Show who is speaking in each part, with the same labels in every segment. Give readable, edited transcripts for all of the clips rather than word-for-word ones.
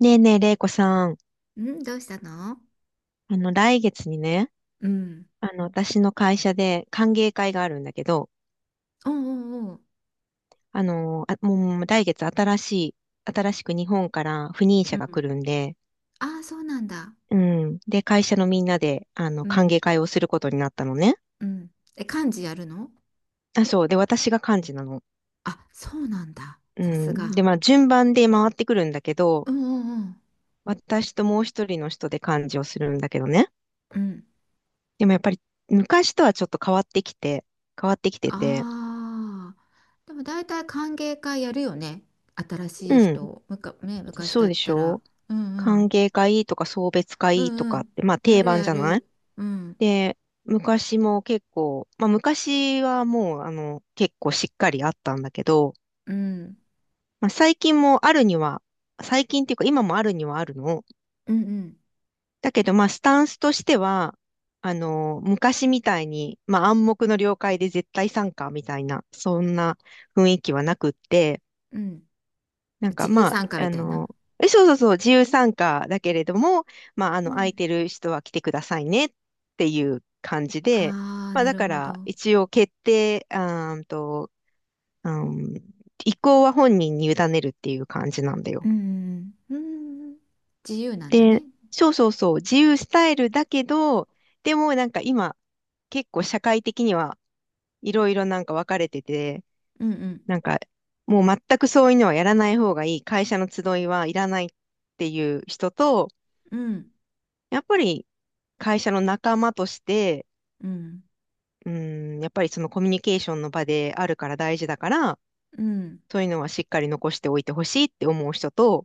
Speaker 1: ねえねえ、れいこさん。
Speaker 2: んどうしたの？
Speaker 1: 来月にね、
Speaker 2: うん。
Speaker 1: 私の会社で歓迎会があるんだけど、
Speaker 2: おうおうおう。
Speaker 1: もう来月新しい、新しく日本から赴任
Speaker 2: う
Speaker 1: 者が
Speaker 2: ん。
Speaker 1: 来るんで、
Speaker 2: ああ、そうなんだ。
Speaker 1: うん。で、会社のみんなで、
Speaker 2: う
Speaker 1: 歓
Speaker 2: ん。
Speaker 1: 迎会をすることになったのね。
Speaker 2: うん。え、漢字やるの？
Speaker 1: あ、そう。で、私が幹事なの。
Speaker 2: あ、そうなんだ。
Speaker 1: う
Speaker 2: さす
Speaker 1: ん。
Speaker 2: が。
Speaker 1: で、まあ、順番で回ってくるんだけ
Speaker 2: う
Speaker 1: ど、
Speaker 2: んうん
Speaker 1: 私ともう一人の人で幹事をするんだけどね。
Speaker 2: うん。うん。
Speaker 1: でもやっぱり、昔とはちょっと変わってきて、変わってきてて、
Speaker 2: ああ。でも大体歓迎会やるよね。新しい
Speaker 1: うん。
Speaker 2: 人。ね、昔
Speaker 1: そ
Speaker 2: だ
Speaker 1: う
Speaker 2: っ
Speaker 1: でし
Speaker 2: たら。
Speaker 1: ょ？
Speaker 2: うんう
Speaker 1: 歓
Speaker 2: ん。
Speaker 1: 迎会とか送別
Speaker 2: う
Speaker 1: 会と
Speaker 2: んう
Speaker 1: かっ
Speaker 2: ん。
Speaker 1: て、まあ
Speaker 2: や
Speaker 1: 定
Speaker 2: る
Speaker 1: 番
Speaker 2: や
Speaker 1: じゃない？
Speaker 2: る。うん。
Speaker 1: で、昔も結構、まあ昔はもう結構しっかりあったんだけど、
Speaker 2: うん。
Speaker 1: まあ最近もあるには、最近っていうか今もあるにはあるの。
Speaker 2: うんうん。
Speaker 1: だけどまあスタンスとしては、昔みたいに、まあ暗黙の了解で絶対参加みたいな、そんな雰囲気はなくって、
Speaker 2: うん。
Speaker 1: なん
Speaker 2: 自
Speaker 1: か
Speaker 2: 由
Speaker 1: まあ、
Speaker 2: 参加みたいな。
Speaker 1: え、そうそうそう、自由参加だけれども、まあ、
Speaker 2: う
Speaker 1: 空い
Speaker 2: ん。
Speaker 1: てる人は来てくださいねっていう感じで、
Speaker 2: ああ、
Speaker 1: まあ、
Speaker 2: な
Speaker 1: だ
Speaker 2: る
Speaker 1: か
Speaker 2: ほ
Speaker 1: ら、
Speaker 2: ど。
Speaker 1: 一応決定、あーんと、うん、意向は本人に委ねるっていう感じなんだ
Speaker 2: う
Speaker 1: よ。
Speaker 2: ん、うん、自由なんだね。
Speaker 1: で、そうそうそう、自由スタイルだけど、でもなんか今、結構社会的にはいろいろなんか分かれてて、
Speaker 2: うん、うん、
Speaker 1: なんかもう全くそういうのはやらない方がいい、会社の集いはいらないっていう人と、
Speaker 2: う
Speaker 1: やっぱり会社の仲間として、
Speaker 2: ん、
Speaker 1: うん、やっぱりそのコミュニケーションの場であるから大事だから、
Speaker 2: うん、
Speaker 1: そういうのはしっかり残しておいてほしいって思う人と、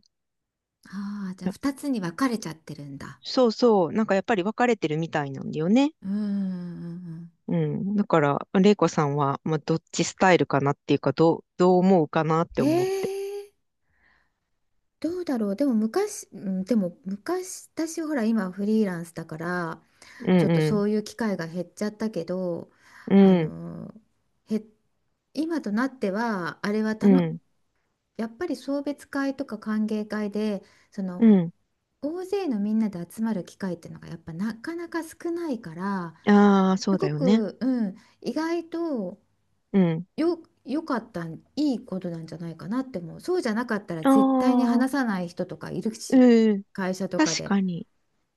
Speaker 2: ああー、じゃ
Speaker 1: い
Speaker 2: あ
Speaker 1: や、
Speaker 2: 2つに分かれちゃってるんだ。
Speaker 1: そうそう、なんかやっぱり分かれてるみたいなんだよね。
Speaker 2: うん。
Speaker 1: うん。だから、玲子さんは、まあ、どっちスタイルかなっていうか、どう、どう思うかなって
Speaker 2: え
Speaker 1: 思って。
Speaker 2: ー、どうだろう。でも昔、うんでも昔、私ほら今フリーランスだから、
Speaker 1: う
Speaker 2: ちょっ
Speaker 1: ん
Speaker 2: と
Speaker 1: うん。
Speaker 2: そういう機会が減っちゃったけど、
Speaker 1: う
Speaker 2: あ
Speaker 1: ん。
Speaker 2: の、へ、今となっては、あれは
Speaker 1: う
Speaker 2: たの、
Speaker 1: ん。
Speaker 2: やっぱり送別会とか歓迎会で、そ
Speaker 1: う
Speaker 2: の
Speaker 1: ん。
Speaker 2: 大勢のみんなで集まる機会っていうのがやっぱなかなか少ないから、
Speaker 1: ああ、そ
Speaker 2: す
Speaker 1: うだ
Speaker 2: ご
Speaker 1: よね。
Speaker 2: く、うん、意外と
Speaker 1: うん。
Speaker 2: よ、良かったんいいことなんじゃないかなって思う。そうじゃなかったら
Speaker 1: あ
Speaker 2: 絶対に話
Speaker 1: あ、
Speaker 2: さない人とかいるし、
Speaker 1: うん。
Speaker 2: 会社とか
Speaker 1: 確
Speaker 2: で。
Speaker 1: かに。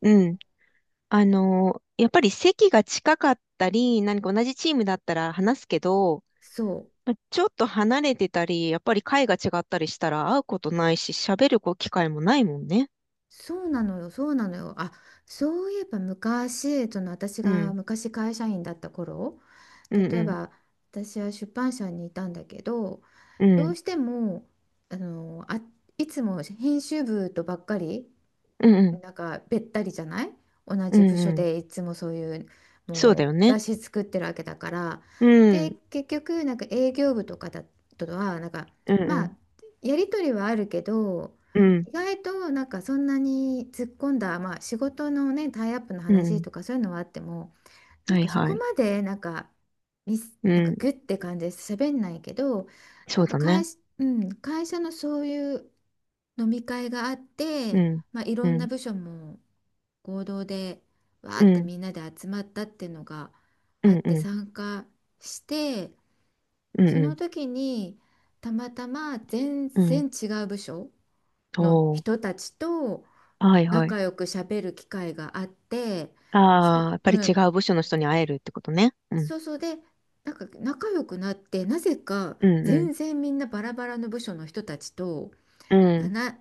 Speaker 1: うん。やっぱり席が近かったり、何か同じチームだったら話すけど、
Speaker 2: そう
Speaker 1: ま、ちょっと離れてたり、やっぱり会が違ったりしたら会うことないし、喋るこう機会もないもんね。
Speaker 2: そうなのよ、そうなのよ。あ、そういえば昔、その私
Speaker 1: う
Speaker 2: が
Speaker 1: ん。
Speaker 2: 昔会社員だった頃、
Speaker 1: うん
Speaker 2: 例
Speaker 1: う
Speaker 2: え
Speaker 1: ん。
Speaker 2: ば私は出版社にいたんだけど、
Speaker 1: う
Speaker 2: どう
Speaker 1: ん。
Speaker 2: してもあのあいつも編集部とばっかり
Speaker 1: うんうん。
Speaker 2: なんかべったりじゃない、同
Speaker 1: うん
Speaker 2: じ部署
Speaker 1: うん。
Speaker 2: でいつもそういう、
Speaker 1: そうだ
Speaker 2: も
Speaker 1: よ
Speaker 2: う
Speaker 1: ね。
Speaker 2: 雑誌作ってるわけだから。
Speaker 1: う
Speaker 2: で
Speaker 1: ん。
Speaker 2: 結局なんか営業部とかだとはなんか、
Speaker 1: うんう
Speaker 2: まあ
Speaker 1: ん。
Speaker 2: やり取りはあるけど、
Speaker 1: うん。
Speaker 2: 意外となんかそんなに突っ込んだ、まあ、仕事のね、タイアップの
Speaker 1: うんう
Speaker 2: 話
Speaker 1: ん。
Speaker 2: とかそういうのはあっても、なん
Speaker 1: はい
Speaker 2: かそ
Speaker 1: は
Speaker 2: こ
Speaker 1: い。
Speaker 2: までなんかミス
Speaker 1: う
Speaker 2: なんか
Speaker 1: ん。
Speaker 2: グッて感じで喋んないけど、
Speaker 1: そ
Speaker 2: なん
Speaker 1: う
Speaker 2: か
Speaker 1: だ
Speaker 2: 会
Speaker 1: ね。
Speaker 2: 社、うん、会社のそういう飲み会があっ
Speaker 1: う
Speaker 2: て、
Speaker 1: ん。
Speaker 2: まあ、い
Speaker 1: う
Speaker 2: ろんな
Speaker 1: ん。
Speaker 2: 部署も合同でわー
Speaker 1: う
Speaker 2: って
Speaker 1: ん。
Speaker 2: みんなで集まったっていうのが
Speaker 1: う
Speaker 2: あっ
Speaker 1: ん
Speaker 2: て、
Speaker 1: うん。
Speaker 2: 参加して、
Speaker 1: うん
Speaker 2: その
Speaker 1: う
Speaker 2: 時にたまたま全
Speaker 1: ん。うん。
Speaker 2: 然違う部署の
Speaker 1: お
Speaker 2: 人
Speaker 1: ー。
Speaker 2: たちと
Speaker 1: はいはい。
Speaker 2: 仲良く喋る機会があって、す、
Speaker 1: ああ、やっぱり
Speaker 2: う
Speaker 1: 違
Speaker 2: ん、
Speaker 1: う部署の人に会えるってことね。うん。
Speaker 2: そうそうで、なんか仲良くなって、なぜか
Speaker 1: うんうん
Speaker 2: 全然みんなバラバラの部署の人たちと
Speaker 1: うん。
Speaker 2: 7、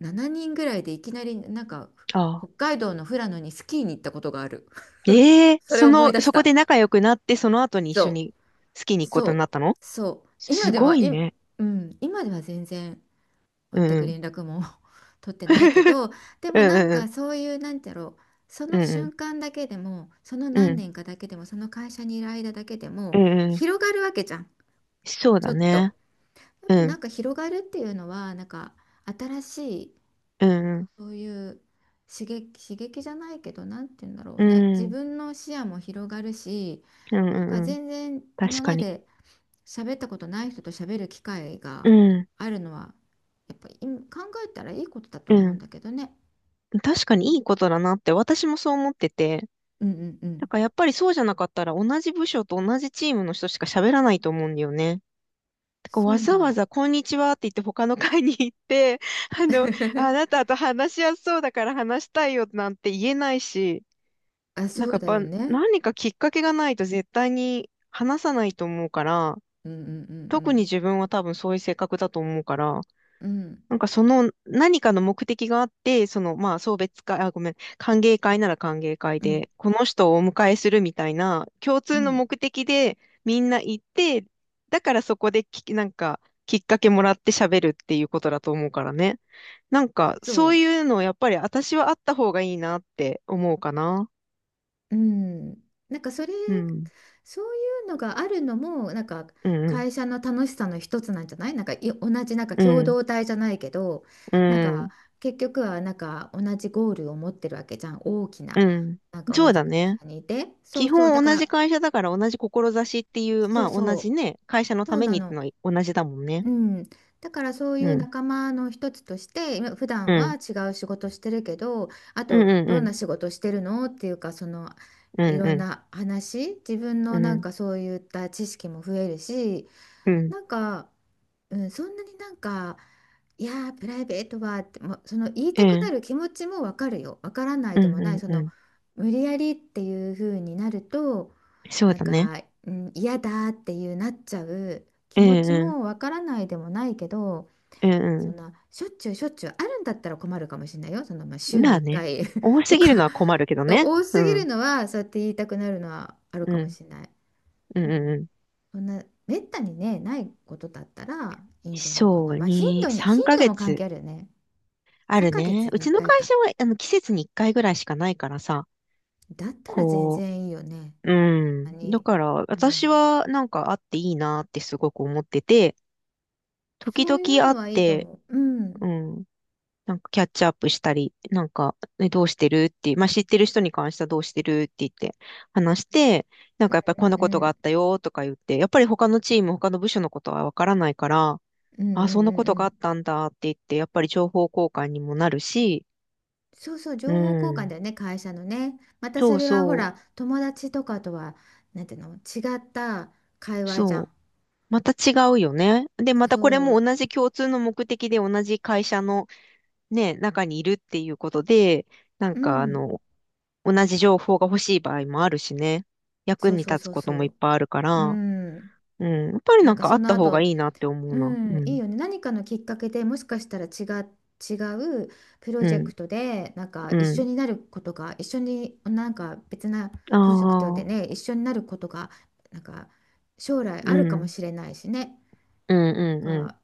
Speaker 2: 7人ぐらいでいきなりなんか
Speaker 1: ああ。
Speaker 2: 北海道の富良野にスキーに行ったことがある。
Speaker 1: え え、
Speaker 2: それ
Speaker 1: そ
Speaker 2: を思い
Speaker 1: の、
Speaker 2: 出し
Speaker 1: そこで
Speaker 2: た。
Speaker 1: 仲良くなって、その後に一
Speaker 2: そ
Speaker 1: 緒
Speaker 2: う
Speaker 1: に好きに行くこ
Speaker 2: そ
Speaker 1: とにな
Speaker 2: う
Speaker 1: ったの？
Speaker 2: そう。今
Speaker 1: す
Speaker 2: で
Speaker 1: ご
Speaker 2: は
Speaker 1: い
Speaker 2: い、
Speaker 1: ね。
Speaker 2: うん、今では全然全
Speaker 1: うん。
Speaker 2: く
Speaker 1: うん。
Speaker 2: 連絡も 取ってないけど、 でもなんかそういうなんてやろう、そ
Speaker 1: う
Speaker 2: の
Speaker 1: んうんうん。
Speaker 2: 瞬間だけでも、その
Speaker 1: うんう
Speaker 2: 何
Speaker 1: ん。
Speaker 2: 年かだけでも、その会社にいる間だけでも
Speaker 1: うんうん。
Speaker 2: 広がるわけじゃん、
Speaker 1: そう
Speaker 2: ち
Speaker 1: だ
Speaker 2: ょっと。
Speaker 1: ね。
Speaker 2: やっ
Speaker 1: う
Speaker 2: ぱ
Speaker 1: ん。
Speaker 2: なんか広がるっていうのは、なんか新しい、
Speaker 1: うんうん。
Speaker 2: そういう刺激じゃないけど、なんて言うんだろう
Speaker 1: う
Speaker 2: ね。自
Speaker 1: ん。
Speaker 2: 分の視野も広がるし、
Speaker 1: うんう
Speaker 2: なんか
Speaker 1: んうん。
Speaker 2: 全然
Speaker 1: 確
Speaker 2: 今
Speaker 1: か
Speaker 2: ま
Speaker 1: に。
Speaker 2: で喋ったことない人と喋る機会
Speaker 1: う
Speaker 2: が
Speaker 1: ん。
Speaker 2: あるのは、やっぱり考えたらいいことだと
Speaker 1: う
Speaker 2: 思うん
Speaker 1: ん。
Speaker 2: だけどね。
Speaker 1: 確かにいいことだなって私もそう思ってて。
Speaker 2: うんうんう
Speaker 1: だ
Speaker 2: ん。
Speaker 1: からやっぱりそうじゃなかったら同じ部署と同じチームの人しか喋らないと思うんだよね。こう
Speaker 2: そ
Speaker 1: わ
Speaker 2: うな
Speaker 1: ざわ
Speaker 2: の。
Speaker 1: ざこんにちはって言って他の会に行って、あの、あな たと話しやすそうだから話したいよなんて言えないし、
Speaker 2: あ、
Speaker 1: なん
Speaker 2: そ
Speaker 1: か
Speaker 2: う
Speaker 1: やっ
Speaker 2: だよ
Speaker 1: ぱ
Speaker 2: ね。
Speaker 1: 何かきっかけがないと絶対に話さないと思うから、
Speaker 2: うんうんう
Speaker 1: 特に
Speaker 2: ん
Speaker 1: 自分は多分そういう性格だと思うから、
Speaker 2: うん。うん
Speaker 1: なんかその何かの目的があって、そのまあ送別会、あ、ごめん、歓迎会なら歓迎会
Speaker 2: うん
Speaker 1: で、この人をお迎えするみたいな共
Speaker 2: う
Speaker 1: 通の
Speaker 2: ん。
Speaker 1: 目的でみんな行って、だからそこでき、なんかきっかけもらって喋るっていうことだと思うからね。なんか
Speaker 2: そ
Speaker 1: そう
Speaker 2: う。
Speaker 1: いうのやっぱり私はあった方がいいなって思うかな。
Speaker 2: うん、なんかそれ、
Speaker 1: うん。
Speaker 2: そういうのがあるのも、なんか
Speaker 1: うん
Speaker 2: 会社の楽しさの一つなんじゃない、なんかい同じなんか
Speaker 1: う
Speaker 2: 共
Speaker 1: ん。うん。
Speaker 2: 同体じゃないけど、
Speaker 1: う
Speaker 2: なんか
Speaker 1: ん。
Speaker 2: 結局はなんか同じゴールを持ってるわけじゃん、大きな。
Speaker 1: うん。
Speaker 2: なんか
Speaker 1: そ
Speaker 2: 同
Speaker 1: う
Speaker 2: じ
Speaker 1: だ
Speaker 2: 会
Speaker 1: ね。
Speaker 2: 社にいて。そう
Speaker 1: 基
Speaker 2: そう、だ
Speaker 1: 本
Speaker 2: か
Speaker 1: 同じ
Speaker 2: ら、
Speaker 1: 会社だから同じ志っていう、
Speaker 2: そ
Speaker 1: ま
Speaker 2: う
Speaker 1: あ同じ
Speaker 2: そう、
Speaker 1: ね、会社の
Speaker 2: そ
Speaker 1: た
Speaker 2: う
Speaker 1: め
Speaker 2: な
Speaker 1: にって
Speaker 2: の。
Speaker 1: のは同じだもんね。
Speaker 2: うん、だからそうい
Speaker 1: う
Speaker 2: う
Speaker 1: ん。
Speaker 2: 仲間の一つとして、今普
Speaker 1: う
Speaker 2: 段は
Speaker 1: ん。
Speaker 2: 違う仕事してるけど、あ
Speaker 1: うん
Speaker 2: と
Speaker 1: うん
Speaker 2: ど
Speaker 1: う
Speaker 2: ん
Speaker 1: ん。
Speaker 2: な仕事してるのっていうか、その
Speaker 1: うん
Speaker 2: いろ
Speaker 1: う
Speaker 2: ん
Speaker 1: ん。
Speaker 2: な話、自分
Speaker 1: う
Speaker 2: のなん
Speaker 1: ん。
Speaker 2: かそういった知識も増えるし、
Speaker 1: うん。
Speaker 2: なんか、うん、そんなになんか、いやープライベートはって、もうその言い
Speaker 1: え
Speaker 2: たくな
Speaker 1: ん、
Speaker 2: る気持ちもわかるよ、わからない
Speaker 1: う
Speaker 2: で
Speaker 1: ん
Speaker 2: もない、
Speaker 1: う
Speaker 2: そ
Speaker 1: ん
Speaker 2: の
Speaker 1: う
Speaker 2: 無理やりっていう風になると、
Speaker 1: ん。そう
Speaker 2: なん
Speaker 1: だね。
Speaker 2: か、うん、嫌だっていうなっちゃう気
Speaker 1: え
Speaker 2: 持
Speaker 1: ん、
Speaker 2: ち
Speaker 1: うん。
Speaker 2: もわからないでもないけど、
Speaker 1: え
Speaker 2: そん
Speaker 1: ん、
Speaker 2: なしょっちゅうしょっちゅうあるんだったら困るかもしれないよ。そのまあ
Speaker 1: うん。
Speaker 2: 週
Speaker 1: ま
Speaker 2: に
Speaker 1: あ
Speaker 2: 1
Speaker 1: ね。
Speaker 2: 回
Speaker 1: 多 す
Speaker 2: と
Speaker 1: ぎるの
Speaker 2: か、
Speaker 1: は困るけ ど
Speaker 2: そう、
Speaker 1: ね。
Speaker 2: 多
Speaker 1: う
Speaker 2: すぎ
Speaker 1: ん。
Speaker 2: るのはそうやって言いたくなるのはある
Speaker 1: う
Speaker 2: かも
Speaker 1: ん。
Speaker 2: しれない。
Speaker 1: うん
Speaker 2: で
Speaker 1: うん
Speaker 2: も
Speaker 1: うん。
Speaker 2: そんなめったにね、ないことだったらいいんじゃないかな。
Speaker 1: そう、
Speaker 2: まあ
Speaker 1: に、3
Speaker 2: 頻度
Speaker 1: ヶ
Speaker 2: も関
Speaker 1: 月
Speaker 2: 係あるよね。
Speaker 1: あ
Speaker 2: 3
Speaker 1: る
Speaker 2: ヶ月
Speaker 1: ね。う
Speaker 2: に
Speaker 1: ち
Speaker 2: 1
Speaker 1: の
Speaker 2: 回
Speaker 1: 会
Speaker 2: かい
Speaker 1: 社
Speaker 2: か。
Speaker 1: は、季節に1回ぐらいしかないからさ、
Speaker 2: だったら全
Speaker 1: こ
Speaker 2: 然いいよね。
Speaker 1: うん。だ
Speaker 2: 何、
Speaker 1: から、
Speaker 2: うん、
Speaker 1: 私はなんかあっていいなってすごく思ってて、時
Speaker 2: そ
Speaker 1: 々
Speaker 2: ういう
Speaker 1: 会っ
Speaker 2: のはいいと
Speaker 1: て、
Speaker 2: 思う。うん。
Speaker 1: うん、なんかキャッチアップしたり、なんか、ね、どうしてるって、まあ、知ってる人に関してはどうしてるって言って話して、なんかやっぱり
Speaker 2: う
Speaker 1: こ
Speaker 2: ん
Speaker 1: んな
Speaker 2: う
Speaker 1: ことがあ
Speaker 2: ん
Speaker 1: ったよとか言って、やっぱり他のチーム、他の部署のことはわからないから、
Speaker 2: うんう
Speaker 1: あ、そん
Speaker 2: んう
Speaker 1: なこと
Speaker 2: んう
Speaker 1: があっ
Speaker 2: ん。
Speaker 1: たんだって言って、やっぱり情報交換にもなるし、
Speaker 2: そうそう、
Speaker 1: う
Speaker 2: 情報交換
Speaker 1: ん。
Speaker 2: だよね、会社のね。また
Speaker 1: そ
Speaker 2: そ
Speaker 1: う
Speaker 2: れはほ
Speaker 1: そ
Speaker 2: ら、友達とかとは、なんていうの、違った会
Speaker 1: う。
Speaker 2: 話じゃ
Speaker 1: そう、
Speaker 2: ん。
Speaker 1: また違うよね。で、またこれ
Speaker 2: そ
Speaker 1: も同じ共通の目的で同じ会社のね、中にいるっていうことで、なん
Speaker 2: う、う
Speaker 1: かあ
Speaker 2: ん、
Speaker 1: の、同じ情報が欲しい場合もあるしね。役
Speaker 2: そう
Speaker 1: に
Speaker 2: そう
Speaker 1: 立つ
Speaker 2: そう
Speaker 1: ことも
Speaker 2: そ
Speaker 1: いっ
Speaker 2: う、
Speaker 1: ぱいあるか
Speaker 2: う
Speaker 1: ら、
Speaker 2: ん。
Speaker 1: うん。やっぱり
Speaker 2: な
Speaker 1: な
Speaker 2: ん
Speaker 1: ん
Speaker 2: か
Speaker 1: かあ
Speaker 2: そ
Speaker 1: っ
Speaker 2: の
Speaker 1: た方が
Speaker 2: 後、
Speaker 1: いいなって思う
Speaker 2: う
Speaker 1: な。
Speaker 2: ん、
Speaker 1: う
Speaker 2: いい
Speaker 1: ん。
Speaker 2: よね。何かのきっかけでもしかしたら違うプロ
Speaker 1: う
Speaker 2: ジェ
Speaker 1: ん。
Speaker 2: クトで、なんか一
Speaker 1: う
Speaker 2: 緒
Speaker 1: ん。
Speaker 2: になることが、一緒になんか別な
Speaker 1: あ
Speaker 2: プロジェクトで
Speaker 1: あ。
Speaker 2: ね、一緒になることが、なんか将来
Speaker 1: う
Speaker 2: あるかも
Speaker 1: ん。
Speaker 2: しれないしね。
Speaker 1: うん
Speaker 2: なん
Speaker 1: うんうん。
Speaker 2: か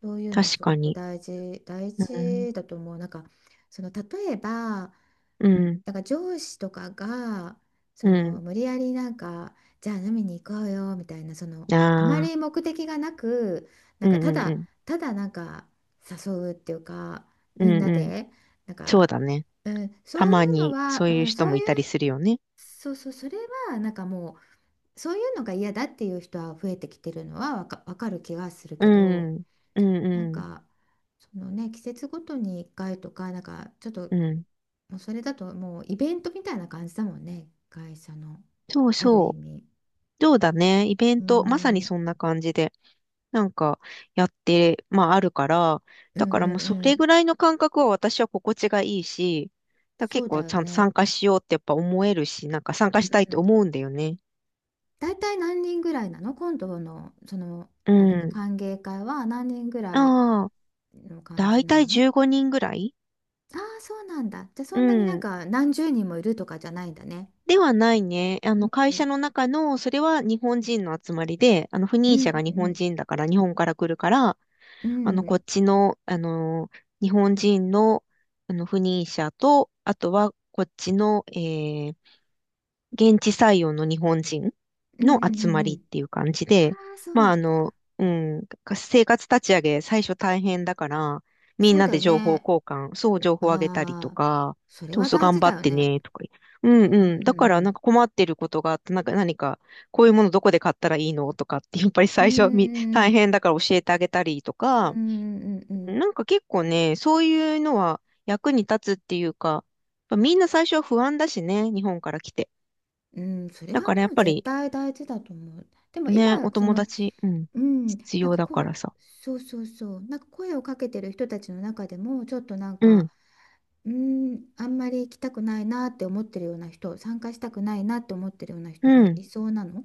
Speaker 2: そういうの
Speaker 1: 確
Speaker 2: すご
Speaker 1: か
Speaker 2: く
Speaker 1: に。
Speaker 2: 大事、大
Speaker 1: うん。
Speaker 2: 事だと思う。なんか、その例えば、
Speaker 1: うん。
Speaker 2: なんか上司とかが、そ
Speaker 1: う
Speaker 2: の
Speaker 1: ん。
Speaker 2: 無理やりなんか、じゃあ飲みに行こうよみたいな、その
Speaker 1: あ
Speaker 2: あまり
Speaker 1: あ。
Speaker 2: 目的がなく、な
Speaker 1: う
Speaker 2: ん
Speaker 1: ん
Speaker 2: かた
Speaker 1: うんう
Speaker 2: だ、
Speaker 1: ん。
Speaker 2: ただなんか誘うっていうか、
Speaker 1: う
Speaker 2: み
Speaker 1: ん
Speaker 2: んな
Speaker 1: うん。
Speaker 2: で、なん
Speaker 1: そう
Speaker 2: か、
Speaker 1: だね。
Speaker 2: うん、
Speaker 1: た
Speaker 2: そうい
Speaker 1: ま
Speaker 2: うの
Speaker 1: に
Speaker 2: は、
Speaker 1: そうい
Speaker 2: う
Speaker 1: う
Speaker 2: ん、
Speaker 1: 人
Speaker 2: そう
Speaker 1: も
Speaker 2: い
Speaker 1: いたり
Speaker 2: う、
Speaker 1: するよね。
Speaker 2: そうそう、それはなんかもう、そういうのが嫌だっていう人は増えてきてるのはわかる気がする
Speaker 1: う
Speaker 2: けど。
Speaker 1: ん、うん、
Speaker 2: な
Speaker 1: う
Speaker 2: ん
Speaker 1: ん、
Speaker 2: かそのね、季節ごとに1回とかなんかちょっと、
Speaker 1: うん。
Speaker 2: もうそれだともうイベントみたいな感じだもんね、会社の。
Speaker 1: そう
Speaker 2: ある意
Speaker 1: そ
Speaker 2: 味
Speaker 1: う。そうだね。イベン
Speaker 2: うー
Speaker 1: ト、まさ
Speaker 2: ん、
Speaker 1: に
Speaker 2: うん
Speaker 1: そんな感じで、なんか、やって、まあ、あるから、
Speaker 2: うん
Speaker 1: だからもうそ
Speaker 2: う
Speaker 1: れぐ
Speaker 2: ん、
Speaker 1: らいの感覚は私は心地がいいし、だ
Speaker 2: そ
Speaker 1: 結
Speaker 2: うだ
Speaker 1: 構
Speaker 2: よ
Speaker 1: ちゃんと
Speaker 2: ね、
Speaker 1: 参加しようってやっぱ思えるし、なんか参加したい
Speaker 2: う
Speaker 1: と
Speaker 2: ん、
Speaker 1: 思うんだよね。
Speaker 2: 大体何人ぐらいなの、今度のその
Speaker 1: う
Speaker 2: なんだっけ、
Speaker 1: ん。
Speaker 2: 歓迎会は何人ぐらい
Speaker 1: ああ、
Speaker 2: の感
Speaker 1: だ
Speaker 2: じ
Speaker 1: い
Speaker 2: な
Speaker 1: たい
Speaker 2: の？
Speaker 1: 15人ぐらい。
Speaker 2: ああー、そうなんだ。じゃあそ
Speaker 1: う
Speaker 2: んなになん
Speaker 1: ん。
Speaker 2: か何十人もいるとかじゃないんだね。
Speaker 1: ではないね。
Speaker 2: う
Speaker 1: 会社
Speaker 2: ん、
Speaker 1: の中の、それは日本人の集まりで、赴
Speaker 2: う
Speaker 1: 任者が
Speaker 2: んう
Speaker 1: 日本
Speaker 2: ん
Speaker 1: 人だから、日本から来るから、
Speaker 2: うんうん
Speaker 1: こっちの、日本人の、不妊者と、あとは、こっちの、えー、現地採用の日本人
Speaker 2: うんうん
Speaker 1: の
Speaker 2: うん
Speaker 1: 集ま
Speaker 2: うんう
Speaker 1: り
Speaker 2: ん、
Speaker 1: っていう感じ
Speaker 2: あ
Speaker 1: で、
Speaker 2: あ、そう
Speaker 1: ま
Speaker 2: な
Speaker 1: あ、
Speaker 2: んだ。
Speaker 1: うん、生活立ち上げ、最初大変だから、み
Speaker 2: そ
Speaker 1: ん
Speaker 2: う
Speaker 1: な
Speaker 2: だ
Speaker 1: で
Speaker 2: よ
Speaker 1: 情報
Speaker 2: ね。
Speaker 1: 交換、そう、情報あげたりと
Speaker 2: ああ、
Speaker 1: か、
Speaker 2: それ
Speaker 1: そう
Speaker 2: は
Speaker 1: そう、
Speaker 2: 大
Speaker 1: 頑
Speaker 2: 事
Speaker 1: 張
Speaker 2: だ
Speaker 1: っ
Speaker 2: よ
Speaker 1: て
Speaker 2: ね。
Speaker 1: ね、とか。う
Speaker 2: うん
Speaker 1: んうん。だから、
Speaker 2: う
Speaker 1: なん
Speaker 2: ん
Speaker 1: か困ってることがあって、なんか何か、こういうものどこで買ったらいいのとかって、やっぱり
Speaker 2: うん
Speaker 1: 最初み、
Speaker 2: う
Speaker 1: 大
Speaker 2: ん
Speaker 1: 変だから教えてあげたりと
Speaker 2: う
Speaker 1: か、
Speaker 2: んうんうんうんうん
Speaker 1: なんか結構ね、そういうのは役に立つっていうか、やっぱみんな最初は不安だしね、日本から来て。
Speaker 2: うんうん、それは
Speaker 1: だ
Speaker 2: も
Speaker 1: からやっ
Speaker 2: う
Speaker 1: ぱ
Speaker 2: 絶
Speaker 1: り
Speaker 2: 対大事だと思う。でも今
Speaker 1: ね、お
Speaker 2: そ
Speaker 1: 友
Speaker 2: の、
Speaker 1: 達、うん、
Speaker 2: うん、
Speaker 1: 必
Speaker 2: なん
Speaker 1: 要
Speaker 2: か
Speaker 1: だ
Speaker 2: こ
Speaker 1: か
Speaker 2: う、
Speaker 1: らさ。
Speaker 2: そうそうそう、なんか声をかけてる人たちの中でもちょっとなん
Speaker 1: う
Speaker 2: か、
Speaker 1: ん、
Speaker 2: うん、あんまり行きたくないなって思ってるような人、参加したくないなって思ってるような人
Speaker 1: う
Speaker 2: が
Speaker 1: ん。
Speaker 2: いそうなの？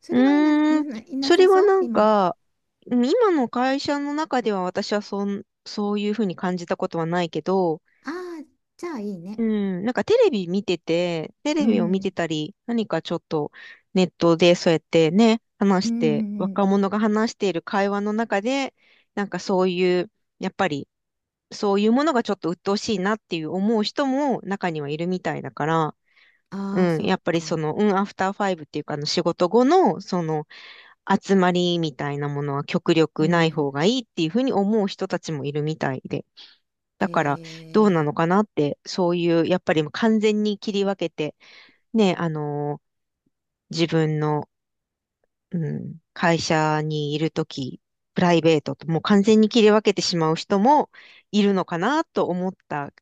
Speaker 2: そ
Speaker 1: う
Speaker 2: れは
Speaker 1: ーん、
Speaker 2: いな
Speaker 1: それ
Speaker 2: さ
Speaker 1: は
Speaker 2: そう
Speaker 1: なん
Speaker 2: 今の？
Speaker 1: か、今の会社の中では私はそん、そういうふうに感じたことはないけど、
Speaker 2: ああー、じゃあいい
Speaker 1: う
Speaker 2: ね。
Speaker 1: ん、なんかテレビ見てて、テ
Speaker 2: う
Speaker 1: レビを見
Speaker 2: ん
Speaker 1: てたり、何かちょっとネットでそうやってね、
Speaker 2: う
Speaker 1: 話
Speaker 2: ん
Speaker 1: し
Speaker 2: う
Speaker 1: て、
Speaker 2: んうん、
Speaker 1: 若者が話している会話の中で、なんかそういう、やっぱりそういうものがちょっと鬱陶しいなっていう思う人も中にはいるみたいだから、
Speaker 2: ああ、
Speaker 1: うん、
Speaker 2: そっ
Speaker 1: やっぱりそ
Speaker 2: か。
Speaker 1: の、うん、アフターファイブっていうか、あの仕事後の、その、集まりみたいなものは極
Speaker 2: う
Speaker 1: 力ない
Speaker 2: ん。
Speaker 1: 方がいいっていうふうに思う人たちもいるみたいで。だから、
Speaker 2: え
Speaker 1: どうなの
Speaker 2: ー、
Speaker 1: かなって、そういう、やっぱりもう完全に切り分けて、ね、自分の、うん、会社にいるとき、プライベートと、もう完全に切り分けてしまう人もいるのかなと思った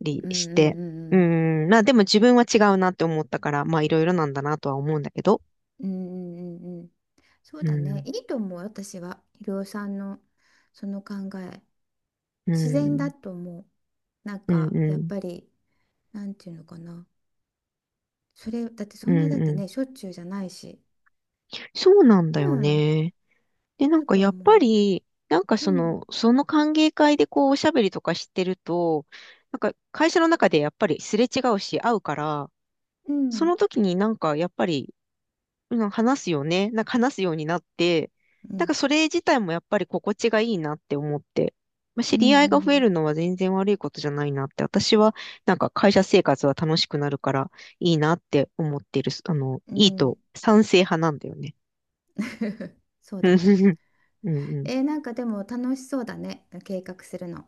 Speaker 1: り
Speaker 2: うん
Speaker 1: して、
Speaker 2: う
Speaker 1: う
Speaker 2: ん
Speaker 1: ん、まあでも自分は違うなって思ったから、まあいろいろなんだなとは思うんだけど、
Speaker 2: うんうんうんうんうんうん、そう
Speaker 1: う
Speaker 2: だね、
Speaker 1: ん、
Speaker 2: いいと思う。私はひろさんのその考え、
Speaker 1: う
Speaker 2: 自然
Speaker 1: ん、
Speaker 2: だと思う。なん
Speaker 1: う
Speaker 2: か
Speaker 1: ん、う
Speaker 2: やっ
Speaker 1: ん、
Speaker 2: ぱり、なんていうのかな、それだって、そ
Speaker 1: うん、
Speaker 2: んなだって
Speaker 1: うん。
Speaker 2: ね、しょっちゅうじゃないし、
Speaker 1: そうなんだ
Speaker 2: う
Speaker 1: よ
Speaker 2: ん、
Speaker 1: ね。で、な
Speaker 2: い
Speaker 1: ん
Speaker 2: い
Speaker 1: か
Speaker 2: と
Speaker 1: やっぱ
Speaker 2: 思
Speaker 1: り、なんか
Speaker 2: う。
Speaker 1: そ
Speaker 2: うん
Speaker 1: の、その歓迎会でこうおしゃべりとかしてると、なんか会社の中でやっぱりすれ違うし会うから、
Speaker 2: う
Speaker 1: そ
Speaker 2: ん
Speaker 1: の時になんかやっぱり、うん、話すよね。なんか話すようになって、
Speaker 2: う
Speaker 1: なん
Speaker 2: ん
Speaker 1: かそれ自体もやっぱり心地がいいなって思って、まあ、
Speaker 2: う
Speaker 1: 知り合いが
Speaker 2: ん
Speaker 1: 増え
Speaker 2: うん
Speaker 1: るのは全然悪いことじゃないなって、私はなんか会社生活は楽しくなるからいいなって思ってる、
Speaker 2: う
Speaker 1: いい
Speaker 2: んうん。
Speaker 1: と賛成派なんだよね。
Speaker 2: そうだね。
Speaker 1: うんうん
Speaker 2: えー、なんかでも楽しそうだね、計画するの。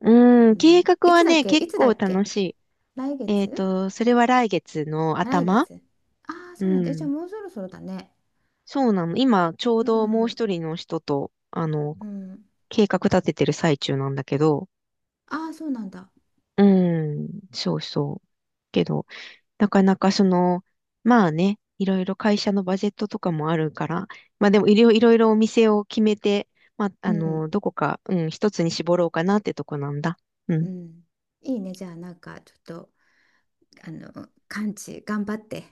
Speaker 1: うん、計画はね、
Speaker 2: い
Speaker 1: 結
Speaker 2: つだ
Speaker 1: 構
Speaker 2: っけ、
Speaker 1: 楽しい。
Speaker 2: 来
Speaker 1: えっ
Speaker 2: 月？
Speaker 1: と、それは来月の
Speaker 2: あ、来
Speaker 1: 頭。
Speaker 2: 月。ああ、
Speaker 1: う
Speaker 2: そうなんだ。え、じゃ
Speaker 1: ん。
Speaker 2: あもうそろそろだね。
Speaker 1: そうなの。今、ちょう
Speaker 2: う
Speaker 1: どもう
Speaker 2: ん、
Speaker 1: 一人の人と、
Speaker 2: うん。
Speaker 1: 計画立ててる最中なんだけど、
Speaker 2: ああ、そうなんだ。
Speaker 1: うん、そうそう。けど、なかなかその、まあね、いろいろ会社のバジェットとかもあるから、まあでもいろいろいろお店を決めて、まあ、
Speaker 2: うん、
Speaker 1: どこか、うん、一つに絞ろうかなってとこなんだ。う
Speaker 2: う
Speaker 1: ん。
Speaker 2: ん。いいね。じゃあ、なんか、ちょっと、あの、完治、頑張って。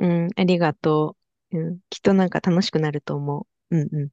Speaker 1: うん、ありがとう。うん、きっとなんか楽しくなると思う。うんうん。